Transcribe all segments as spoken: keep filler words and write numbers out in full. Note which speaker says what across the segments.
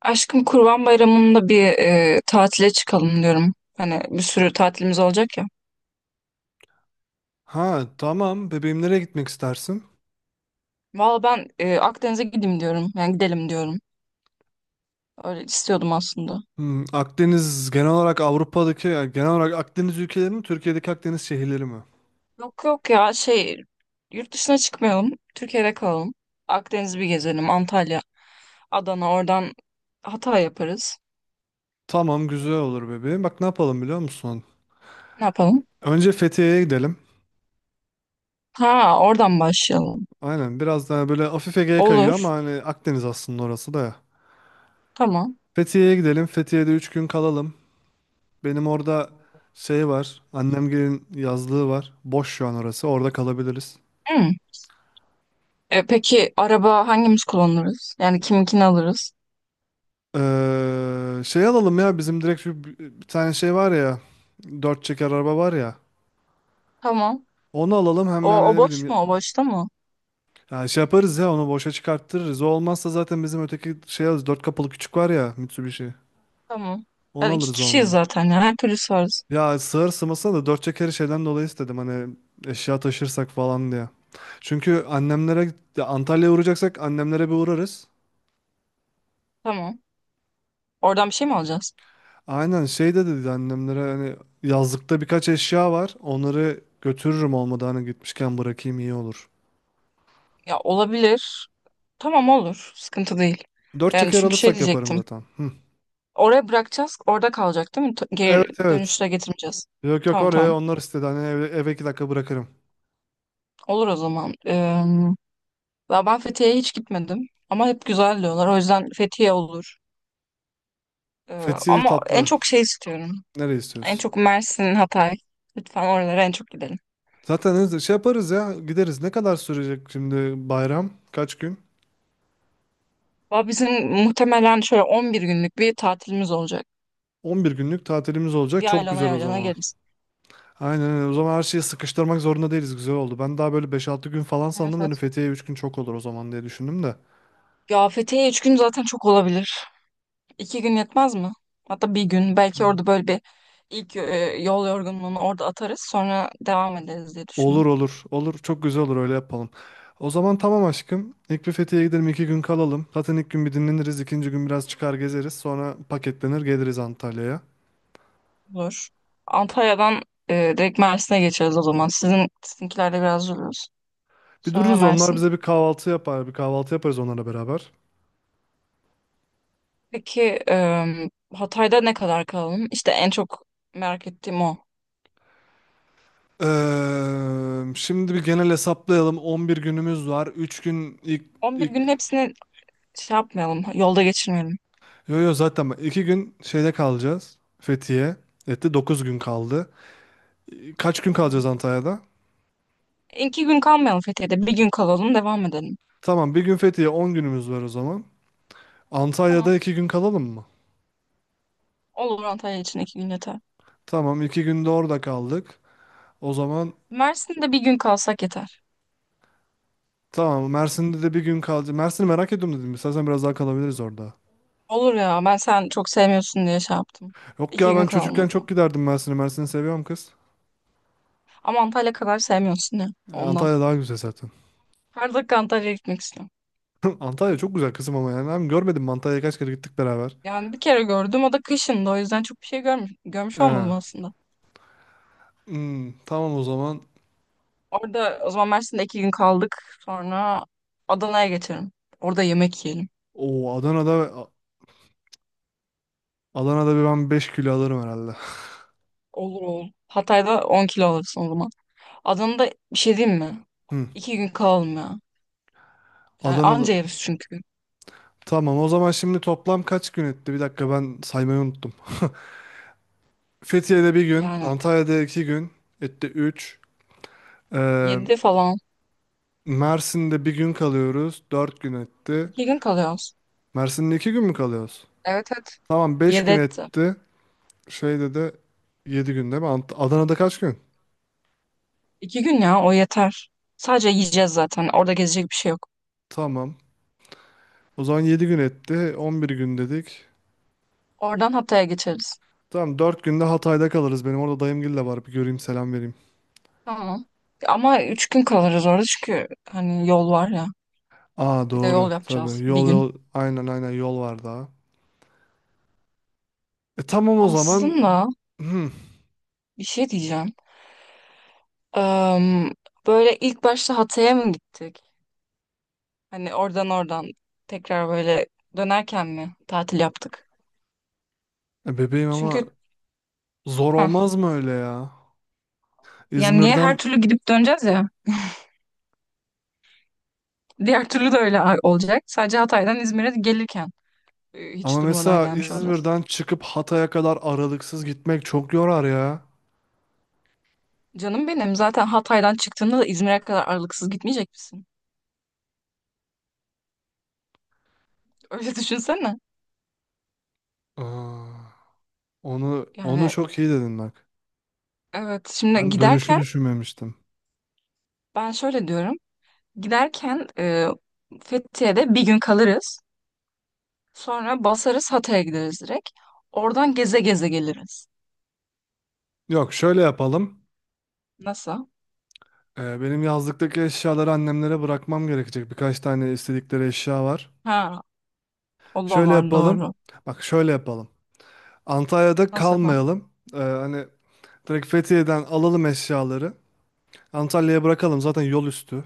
Speaker 1: Aşkım Kurban Bayramı'nda bir e, tatile çıkalım diyorum. Hani bir sürü tatilimiz olacak ya.
Speaker 2: Ha tamam. Bebeğim nereye gitmek istersin?
Speaker 1: Valla ben e, Akdeniz'e gideyim diyorum. Yani gidelim diyorum. Öyle istiyordum aslında.
Speaker 2: Hmm, Akdeniz genel olarak Avrupa'daki yani genel olarak Akdeniz ülkeleri mi Türkiye'deki Akdeniz şehirleri mi?
Speaker 1: Yok yok ya şey yurt dışına çıkmayalım. Türkiye'de kalalım. Akdeniz'i bir gezelim. Antalya, Adana, oradan Hatay yaparız.
Speaker 2: Tamam güzel olur bebeğim. Bak ne yapalım biliyor musun?
Speaker 1: Ne yapalım?
Speaker 2: Önce Fethiye'ye gidelim.
Speaker 1: Ha, oradan başlayalım.
Speaker 2: Aynen biraz daha böyle hafif Ege'ye kayıyor
Speaker 1: Olur.
Speaker 2: ama hani Akdeniz aslında orası da ya.
Speaker 1: Tamam.
Speaker 2: Fethiye'ye gidelim. Fethiye'de üç gün kalalım. Benim orada şey var. Annemgilin yazlığı var. Boş şu an orası. Orada kalabiliriz.
Speaker 1: Hı. E, peki araba hangimiz kullanırız? Yani kiminkini alırız?
Speaker 2: Ee, şey alalım ya, bizim direkt şu bir bir tane şey var ya, dört çeker araba var ya,
Speaker 1: Tamam.
Speaker 2: onu alalım hem
Speaker 1: O,
Speaker 2: yani
Speaker 1: o
Speaker 2: ne bileyim
Speaker 1: boş
Speaker 2: ya.
Speaker 1: mu? O boşta mı?
Speaker 2: Şey yaparız ya, onu boşa çıkarttırırız. O olmazsa zaten bizim öteki şey alırız, dört kapılı küçük var ya, Mitsubishi,
Speaker 1: Tamam.
Speaker 2: onu
Speaker 1: Ya iki
Speaker 2: alırız
Speaker 1: kişiyiz
Speaker 2: olmadı.
Speaker 1: zaten ya. Her türlü varız.
Speaker 2: Ya sığır sığmasına da dört çekeri şeyden dolayı istedim hani, eşya taşırsak falan diye, çünkü annemlere, ya Antalya'ya uğrayacaksak annemlere bir uğrarız.
Speaker 1: Tamam. Oradan bir şey mi alacağız?
Speaker 2: Aynen şey de dedi annemlere, hani yazlıkta birkaç eşya var. Onları götürürüm, olmadı hani gitmişken bırakayım iyi olur.
Speaker 1: Ya olabilir. Tamam, olur. Sıkıntı değil.
Speaker 2: Dört
Speaker 1: Yani
Speaker 2: çeker
Speaker 1: çünkü şey
Speaker 2: alırsak yaparım
Speaker 1: diyecektim.
Speaker 2: zaten. Hı.
Speaker 1: Oraya bırakacağız. Orada kalacak, değil mi? T-
Speaker 2: Evet
Speaker 1: Geri
Speaker 2: evet.
Speaker 1: dönüşte getirmeyeceğiz.
Speaker 2: Yok yok,
Speaker 1: Tamam,
Speaker 2: oraya
Speaker 1: tamam.
Speaker 2: onlar istedi. Hani eve, eve iki dakika bırakırım.
Speaker 1: Olur o zaman. Ee, ya ben Fethiye'ye hiç gitmedim. Ama hep güzel diyorlar. O yüzden Fethiye olur. Ee,
Speaker 2: Fethiye
Speaker 1: ama en
Speaker 2: tatlı.
Speaker 1: çok şey istiyorum.
Speaker 2: Nereye
Speaker 1: En
Speaker 2: istiyorsun?
Speaker 1: çok Mersin, Hatay. Lütfen oralara en çok gidelim.
Speaker 2: Zaten hızlı şey yaparız ya, gideriz. Ne kadar sürecek şimdi bayram? Kaç gün?
Speaker 1: Ama bizim muhtemelen şöyle on bir günlük bir tatilimiz olacak,
Speaker 2: On bir günlük tatilimiz olacak. Çok
Speaker 1: yaylana
Speaker 2: güzel o
Speaker 1: yaylana
Speaker 2: zaman.
Speaker 1: geliriz.
Speaker 2: Aynen öyle. O zaman her şeyi sıkıştırmak zorunda değiliz. Güzel oldu. Ben daha böyle beş altı gün falan
Speaker 1: Evet,
Speaker 2: sandım. Hani
Speaker 1: evet.
Speaker 2: Fethiye üç gün çok olur o zaman diye düşündüm de.
Speaker 1: Ya Fethiye üç gün zaten çok olabilir. İki gün yetmez mi? Hatta bir gün. Belki orada böyle bir ilk e, yol yorgunluğunu orada atarız. Sonra devam ederiz diye düşündüm.
Speaker 2: Olur olur. Olur. Çok güzel olur, öyle yapalım. O zaman tamam aşkım. İlk bir Fethiye'ye gidelim. iki gün kalalım. Zaten ilk gün bir dinleniriz. İkinci gün biraz çıkar gezeriz. Sonra paketlenir geliriz Antalya'ya.
Speaker 1: Olur. Antalya'dan e, direkt Mersin'e geçeriz o zaman. Sizin sizinkilerde biraz dururuz.
Speaker 2: Bir
Speaker 1: Sonra
Speaker 2: dururuz, onlar
Speaker 1: Mersin.
Speaker 2: bize bir kahvaltı yapar. Bir kahvaltı yaparız onlarla beraber.
Speaker 1: Peki e, Hatay'da ne kadar kalalım? İşte en çok merak ettiğim o.
Speaker 2: Ee, şimdi bir genel hesaplayalım. On bir günümüz var. Üç gün ilk...
Speaker 1: On bir
Speaker 2: ilk...
Speaker 1: günün hepsini şey yapmayalım. Yolda geçirmeyelim.
Speaker 2: Yo yo, zaten bak, iki gün şeyde kalacağız. Fethiye. Etti, dokuz gün kaldı. Kaç gün
Speaker 1: Hı hı.
Speaker 2: kalacağız Antalya'da?
Speaker 1: İki gün kalmayalım Fethiye'de. Bir gün kalalım, devam edelim.
Speaker 2: Tamam, bir gün Fethiye, on günümüz var o zaman. Antalya'da
Speaker 1: Tamam.
Speaker 2: iki gün kalalım mı?
Speaker 1: Olur, Antalya için iki gün yeter.
Speaker 2: Tamam, iki günde orada kaldık. O zaman
Speaker 1: Mersin'de bir gün kalsak yeter.
Speaker 2: tamam, Mersin'de de bir gün kalacağız. Mersin'i merak ediyorum dedim. İstersen biraz daha kalabiliriz orada.
Speaker 1: Olur, ya ben sen çok sevmiyorsun diye şey yaptım.
Speaker 2: Yok
Speaker 1: İki
Speaker 2: ya, ben
Speaker 1: gün kalalım o
Speaker 2: çocukken çok
Speaker 1: zaman.
Speaker 2: giderdim Mersin'e. Mersin'i seviyorum kız.
Speaker 1: Ama Antalya kadar sevmiyorsun ya
Speaker 2: E,
Speaker 1: ondan.
Speaker 2: Antalya daha güzel zaten.
Speaker 1: Her dakika Antalya'ya gitmek istiyorum.
Speaker 2: Antalya çok güzel kızım ama yani. Hem görmedim mi? Antalya'ya kaç kere gittik beraber.
Speaker 1: Yani bir kere gördüm, o da kışında, o yüzden çok bir şey görmüş, görmüş
Speaker 2: He.
Speaker 1: olmadım aslında.
Speaker 2: Hmm, tamam o zaman.
Speaker 1: Orada o zaman Mersin'de iki gün kaldık, sonra Adana'ya geçelim. Orada yemek yiyelim.
Speaker 2: Oo Adana'da Adana'da bir ben beş kilo alırım herhalde.
Speaker 1: Olur, olur. Hatay'da on kilo alırsın o zaman. Adana'da bir şey diyeyim mi?
Speaker 2: Hı.
Speaker 1: İki gün kalalım ya. Yani
Speaker 2: Adana'da
Speaker 1: anca yeriz çünkü.
Speaker 2: tamam, o zaman şimdi toplam kaç gün etti? Bir dakika, ben saymayı unuttum. Fethiye'de bir gün,
Speaker 1: Yani
Speaker 2: Antalya'da iki gün, etti üç. Ee,
Speaker 1: yedi falan.
Speaker 2: Mersin'de bir gün kalıyoruz, dört gün etti.
Speaker 1: İki gün kalıyoruz.
Speaker 2: Mersin'de iki gün mü kalıyoruz?
Speaker 1: Evet, evet.
Speaker 2: Tamam, beş
Speaker 1: Yedi
Speaker 2: gün
Speaker 1: etti.
Speaker 2: etti. Şeyde de yedi gün değil mi? Ant- Adana'da kaç gün?
Speaker 1: İki gün ya, o yeter. Sadece yiyeceğiz zaten. Orada gezecek bir şey yok.
Speaker 2: Tamam. O zaman yedi gün etti, on bir gün dedik.
Speaker 1: Oradan Hatay'a geçeriz.
Speaker 2: Tamam, dört günde Hatay'da kalırız. Benim orada dayımgil de var, bir göreyim, selam vereyim.
Speaker 1: Tamam. Ama üç gün kalırız orada, çünkü hani yol var ya.
Speaker 2: Aa
Speaker 1: Bir de
Speaker 2: doğru,
Speaker 1: yol
Speaker 2: tabii.
Speaker 1: yapacağız bir
Speaker 2: Yol
Speaker 1: gün.
Speaker 2: yol, aynen aynen yol var daha. E tamam o zaman.
Speaker 1: Aslında
Speaker 2: Hmm.
Speaker 1: bir şey diyeceğim. Eee, böyle ilk başta Hatay'a mı gittik? Hani oradan oradan tekrar böyle dönerken mi tatil yaptık?
Speaker 2: E, bebeğim ama
Speaker 1: Çünkü
Speaker 2: zor
Speaker 1: ha,
Speaker 2: olmaz mı öyle ya?
Speaker 1: yani niye her
Speaker 2: İzmir'den
Speaker 1: türlü gidip döneceğiz ya? Diğer türlü de öyle olacak. Sadece Hatay'dan İzmir'e gelirken e, hiç
Speaker 2: Ama
Speaker 1: durmadan
Speaker 2: mesela
Speaker 1: gelmiş olacağız.
Speaker 2: İzmir'den çıkıp Hatay'a kadar aralıksız gitmek çok yorar ya.
Speaker 1: Canım benim, zaten Hatay'dan çıktığında da İzmir'e kadar aralıksız gitmeyecek misin? Öyle düşünsene.
Speaker 2: Aa, onu onu
Speaker 1: Yani
Speaker 2: çok iyi dedin bak.
Speaker 1: evet, şimdi
Speaker 2: Ben dönüşü
Speaker 1: giderken
Speaker 2: düşünmemiştim.
Speaker 1: ben şöyle diyorum. Giderken e, Fethiye'de bir gün kalırız. Sonra basarız, Hatay'a gideriz direkt. Oradan geze geze geliriz.
Speaker 2: Yok, şöyle yapalım.
Speaker 1: Nasıl?
Speaker 2: Ee, benim yazlıktaki eşyaları annemlere bırakmam gerekecek. Birkaç tane istedikleri eşya var.
Speaker 1: Ha, o da
Speaker 2: Şöyle
Speaker 1: var,
Speaker 2: yapalım.
Speaker 1: doğru.
Speaker 2: Bak şöyle yapalım. Antalya'da
Speaker 1: Nasıl yapalım?
Speaker 2: kalmayalım. Ee, hani direkt Fethiye'den alalım eşyaları. Antalya'ya bırakalım, zaten yol üstü.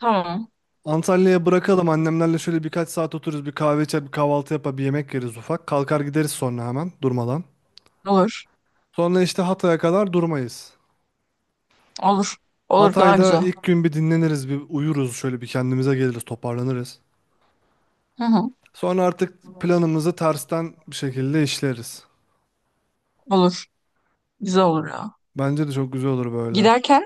Speaker 1: Tamam.
Speaker 2: Antalya'ya bırakalım, annemlerle şöyle birkaç saat otururuz, bir kahve içer, bir kahvaltı yapar, bir yemek yeriz, ufak kalkar gideriz, sonra hemen durmadan.
Speaker 1: Olur.
Speaker 2: Sonra işte Hatay'a kadar durmayız.
Speaker 1: Olur. Olur, daha
Speaker 2: Hatay'da
Speaker 1: güzel.
Speaker 2: ilk gün bir dinleniriz, bir uyuruz, şöyle bir kendimize geliriz, toparlanırız.
Speaker 1: Hı hı.
Speaker 2: Sonra artık planımızı tersten bir şekilde işleriz.
Speaker 1: Olur. Güzel olur ya.
Speaker 2: Bence de çok güzel olur böyle.
Speaker 1: Giderken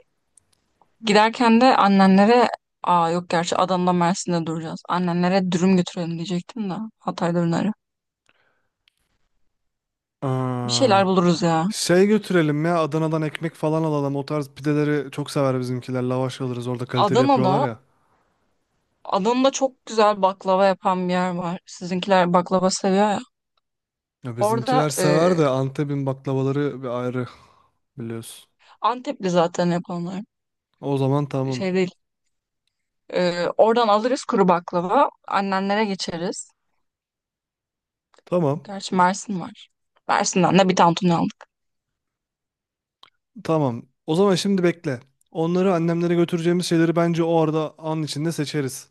Speaker 1: Giderken de annenlere, aa yok, gerçi Adana'da Mersin'de duracağız. Annenlere dürüm götürelim diyecektim de, Hatay dürümleri. Bir
Speaker 2: Aa,
Speaker 1: şeyler buluruz ya.
Speaker 2: şey götürelim ya, Adana'dan ekmek falan alalım, o tarz pideleri çok sever bizimkiler, lavaş alırız orada, kaliteli
Speaker 1: Adana'da
Speaker 2: yapıyorlar ya.
Speaker 1: Adana'da çok güzel baklava yapan bir yer var. Sizinkiler baklava seviyor ya.
Speaker 2: Ya
Speaker 1: Orada
Speaker 2: bizimkiler sever
Speaker 1: e,
Speaker 2: de Antep'in baklavaları bir ayrı. Biliyorsun.
Speaker 1: Antepli zaten yapanlar.
Speaker 2: O zaman tamam.
Speaker 1: Şey değil. E, oradan alırız kuru baklava. Annenlere geçeriz.
Speaker 2: Tamam.
Speaker 1: Gerçi Mersin var. Mersin'den de bir tantuni aldık.
Speaker 2: Tamam. O zaman şimdi bekle. Onları, annemlere götüreceğimiz şeyleri bence o arada an içinde seçeriz.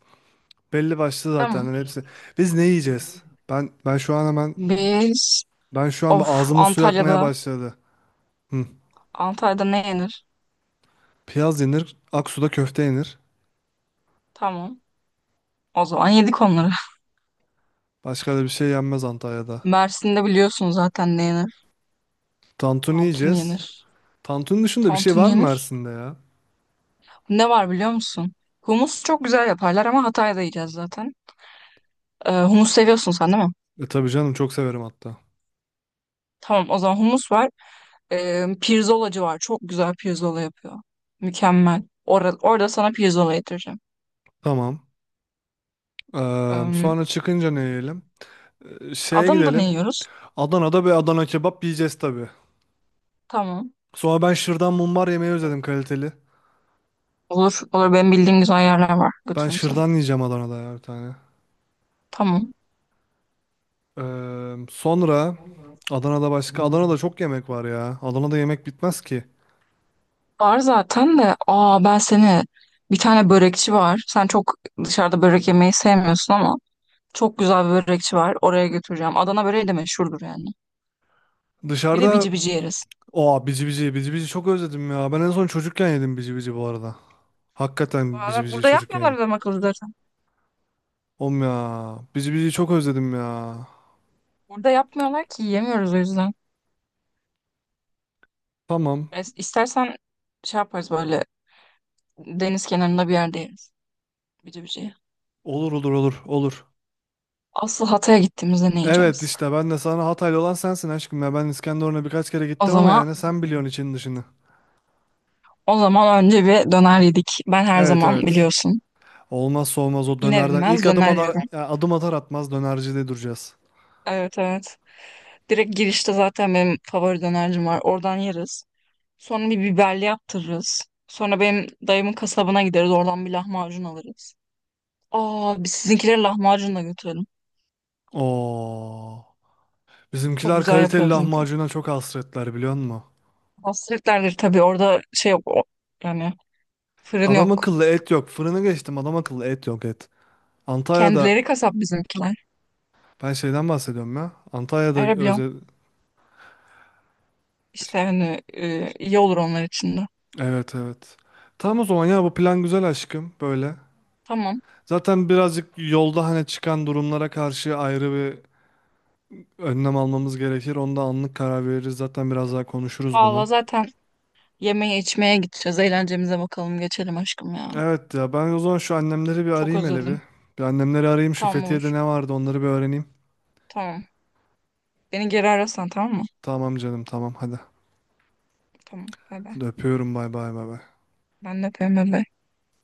Speaker 2: Belli başlı zaten
Speaker 1: Tamam.
Speaker 2: hani hepsi. Biz ne yiyeceğiz? Ben ben şu an hemen
Speaker 1: Biz,
Speaker 2: ben şu an
Speaker 1: of,
Speaker 2: ağzımın suyu akmaya
Speaker 1: Antalya'da
Speaker 2: başladı. Hı.
Speaker 1: Antalya'da ne yenir?
Speaker 2: Piyaz yenir, Aksu'da köfte yenir.
Speaker 1: Tamam. O zaman yedik onları.
Speaker 2: Başka da bir şey yenmez Antalya'da.
Speaker 1: Mersin'de biliyorsun zaten ne yenir.
Speaker 2: Tantuni
Speaker 1: Tantuni
Speaker 2: yiyeceğiz.
Speaker 1: yenir.
Speaker 2: Tantuni dışında bir şey
Speaker 1: Tantuni
Speaker 2: var mı
Speaker 1: yenir.
Speaker 2: Mersin'de ya?
Speaker 1: Ne var biliyor musun? Humus çok güzel yaparlar, ama Hatay'da yiyeceğiz zaten. Ee, humus seviyorsun sen, değil mi?
Speaker 2: E tabii canım, çok severim hatta.
Speaker 1: Tamam o zaman, humus var. Ee, pirzolacı var. Çok güzel pirzola yapıyor. Mükemmel. Orada, orada sana pirzola getireceğim.
Speaker 2: Tamam. Eee,
Speaker 1: Ee,
Speaker 2: sonra çıkınca ne yiyelim? E, şeye
Speaker 1: Adana'da ne
Speaker 2: gidelim.
Speaker 1: yiyoruz?
Speaker 2: Adana'da bir Adana kebap yiyeceğiz tabii.
Speaker 1: Tamam.
Speaker 2: Sonra ben şırdan mumbar yemeyi özledim, kaliteli.
Speaker 1: Olur, olur. Benim bildiğim güzel yerler var.
Speaker 2: Ben
Speaker 1: Götürürüm seni.
Speaker 2: şırdan yiyeceğim Adana'da ya, bir tane.
Speaker 1: Tamam.
Speaker 2: Ee, sonra Adana'da başka, Adana'da çok yemek var ya. Adana'da yemek bitmez ki.
Speaker 1: Var zaten de, aa, ben seni, bir tane börekçi var. Sen çok dışarıda börek yemeyi sevmiyorsun ama çok güzel bir börekçi var. Oraya götüreceğim. Adana böreği de meşhurdur yani. Bir de
Speaker 2: Dışarıda
Speaker 1: bici bici yeriz.
Speaker 2: o bici bici bici bici çok özledim ya. Ben en son çocukken yedim bici bici bu arada. Hakikaten bici
Speaker 1: Valla
Speaker 2: bici
Speaker 1: burada
Speaker 2: çocukken
Speaker 1: yapmıyorlar
Speaker 2: yedim.
Speaker 1: adam akıllı zaten.
Speaker 2: Oğlum ya, bici bici çok özledim ya.
Speaker 1: Burada yapmıyorlar ki, yiyemiyoruz o yüzden.
Speaker 2: Tamam.
Speaker 1: Es- İstersen şey yaparız, böyle deniz kenarında bir yerde yeriz. Bici bici.
Speaker 2: Olur olur olur olur.
Speaker 1: Asıl Hatay'a gittiğimizde ne
Speaker 2: Evet
Speaker 1: yiyeceğiz?
Speaker 2: işte, ben de sana, Hataylı olan sensin aşkım ya. Ben İskenderun'a birkaç kere
Speaker 1: O
Speaker 2: gittim ama
Speaker 1: zaman
Speaker 2: yani sen biliyorsun için dışını.
Speaker 1: o zaman önce bir döner yedik. Ben her
Speaker 2: Evet
Speaker 1: zaman,
Speaker 2: evet.
Speaker 1: biliyorsun.
Speaker 2: Olmazsa olmaz o
Speaker 1: İner
Speaker 2: dönerden. İlk
Speaker 1: inmez
Speaker 2: adım
Speaker 1: döner
Speaker 2: atar,
Speaker 1: yiyorum.
Speaker 2: yani adım atar atmaz dönercide duracağız.
Speaker 1: Evet, evet. Direkt girişte zaten benim favori dönercim var. Oradan yeriz. Sonra bir biberli yaptırırız. Sonra benim dayımın kasabına gideriz. Oradan bir lahmacun alırız. Aa, biz sizinkileri lahmacun da götürelim.
Speaker 2: Oo.
Speaker 1: Çok
Speaker 2: Bizimkiler
Speaker 1: güzel
Speaker 2: kaliteli
Speaker 1: yapıyor bizimkiler.
Speaker 2: lahmacuna çok hasretler biliyor musun?
Speaker 1: Hasretlerdir tabii. Orada şey yok. O- yani fırın
Speaker 2: Adam
Speaker 1: yok.
Speaker 2: akıllı et yok. Fırını geçtim, adam akıllı et yok, et. Antalya'da
Speaker 1: Kendileri kasap bizimkiler.
Speaker 2: ben şeyden bahsediyorum ya. Antalya'da
Speaker 1: Öyle biliyorum.
Speaker 2: özel...
Speaker 1: İşte hani e, iyi olur onlar için de.
Speaker 2: Evet evet. Tamam o zaman ya, bu plan güzel aşkım böyle.
Speaker 1: Tamam.
Speaker 2: Zaten birazcık yolda hani çıkan durumlara karşı ayrı bir önlem almamız gerekir. Onda anlık karar veririz. Zaten biraz daha konuşuruz bunu.
Speaker 1: Valla zaten yemeğe içmeye gideceğiz. Eğlencemize bakalım. Geçelim aşkım ya.
Speaker 2: Evet ya, ben o zaman şu annemleri bir
Speaker 1: Çok
Speaker 2: arayayım hele bir.
Speaker 1: özledim.
Speaker 2: Bir annemleri arayayım, şu
Speaker 1: Tamam,
Speaker 2: Fethiye'de
Speaker 1: olur.
Speaker 2: ne vardı onları bir öğreneyim.
Speaker 1: Tamam. Beni geri ararsan, tamam mı?
Speaker 2: Tamam canım, tamam, hadi.
Speaker 1: Tamam. Bay bay.
Speaker 2: Hadi öpüyorum, bay bay bay bay.
Speaker 1: Ben de öpüyorum. Bay bay.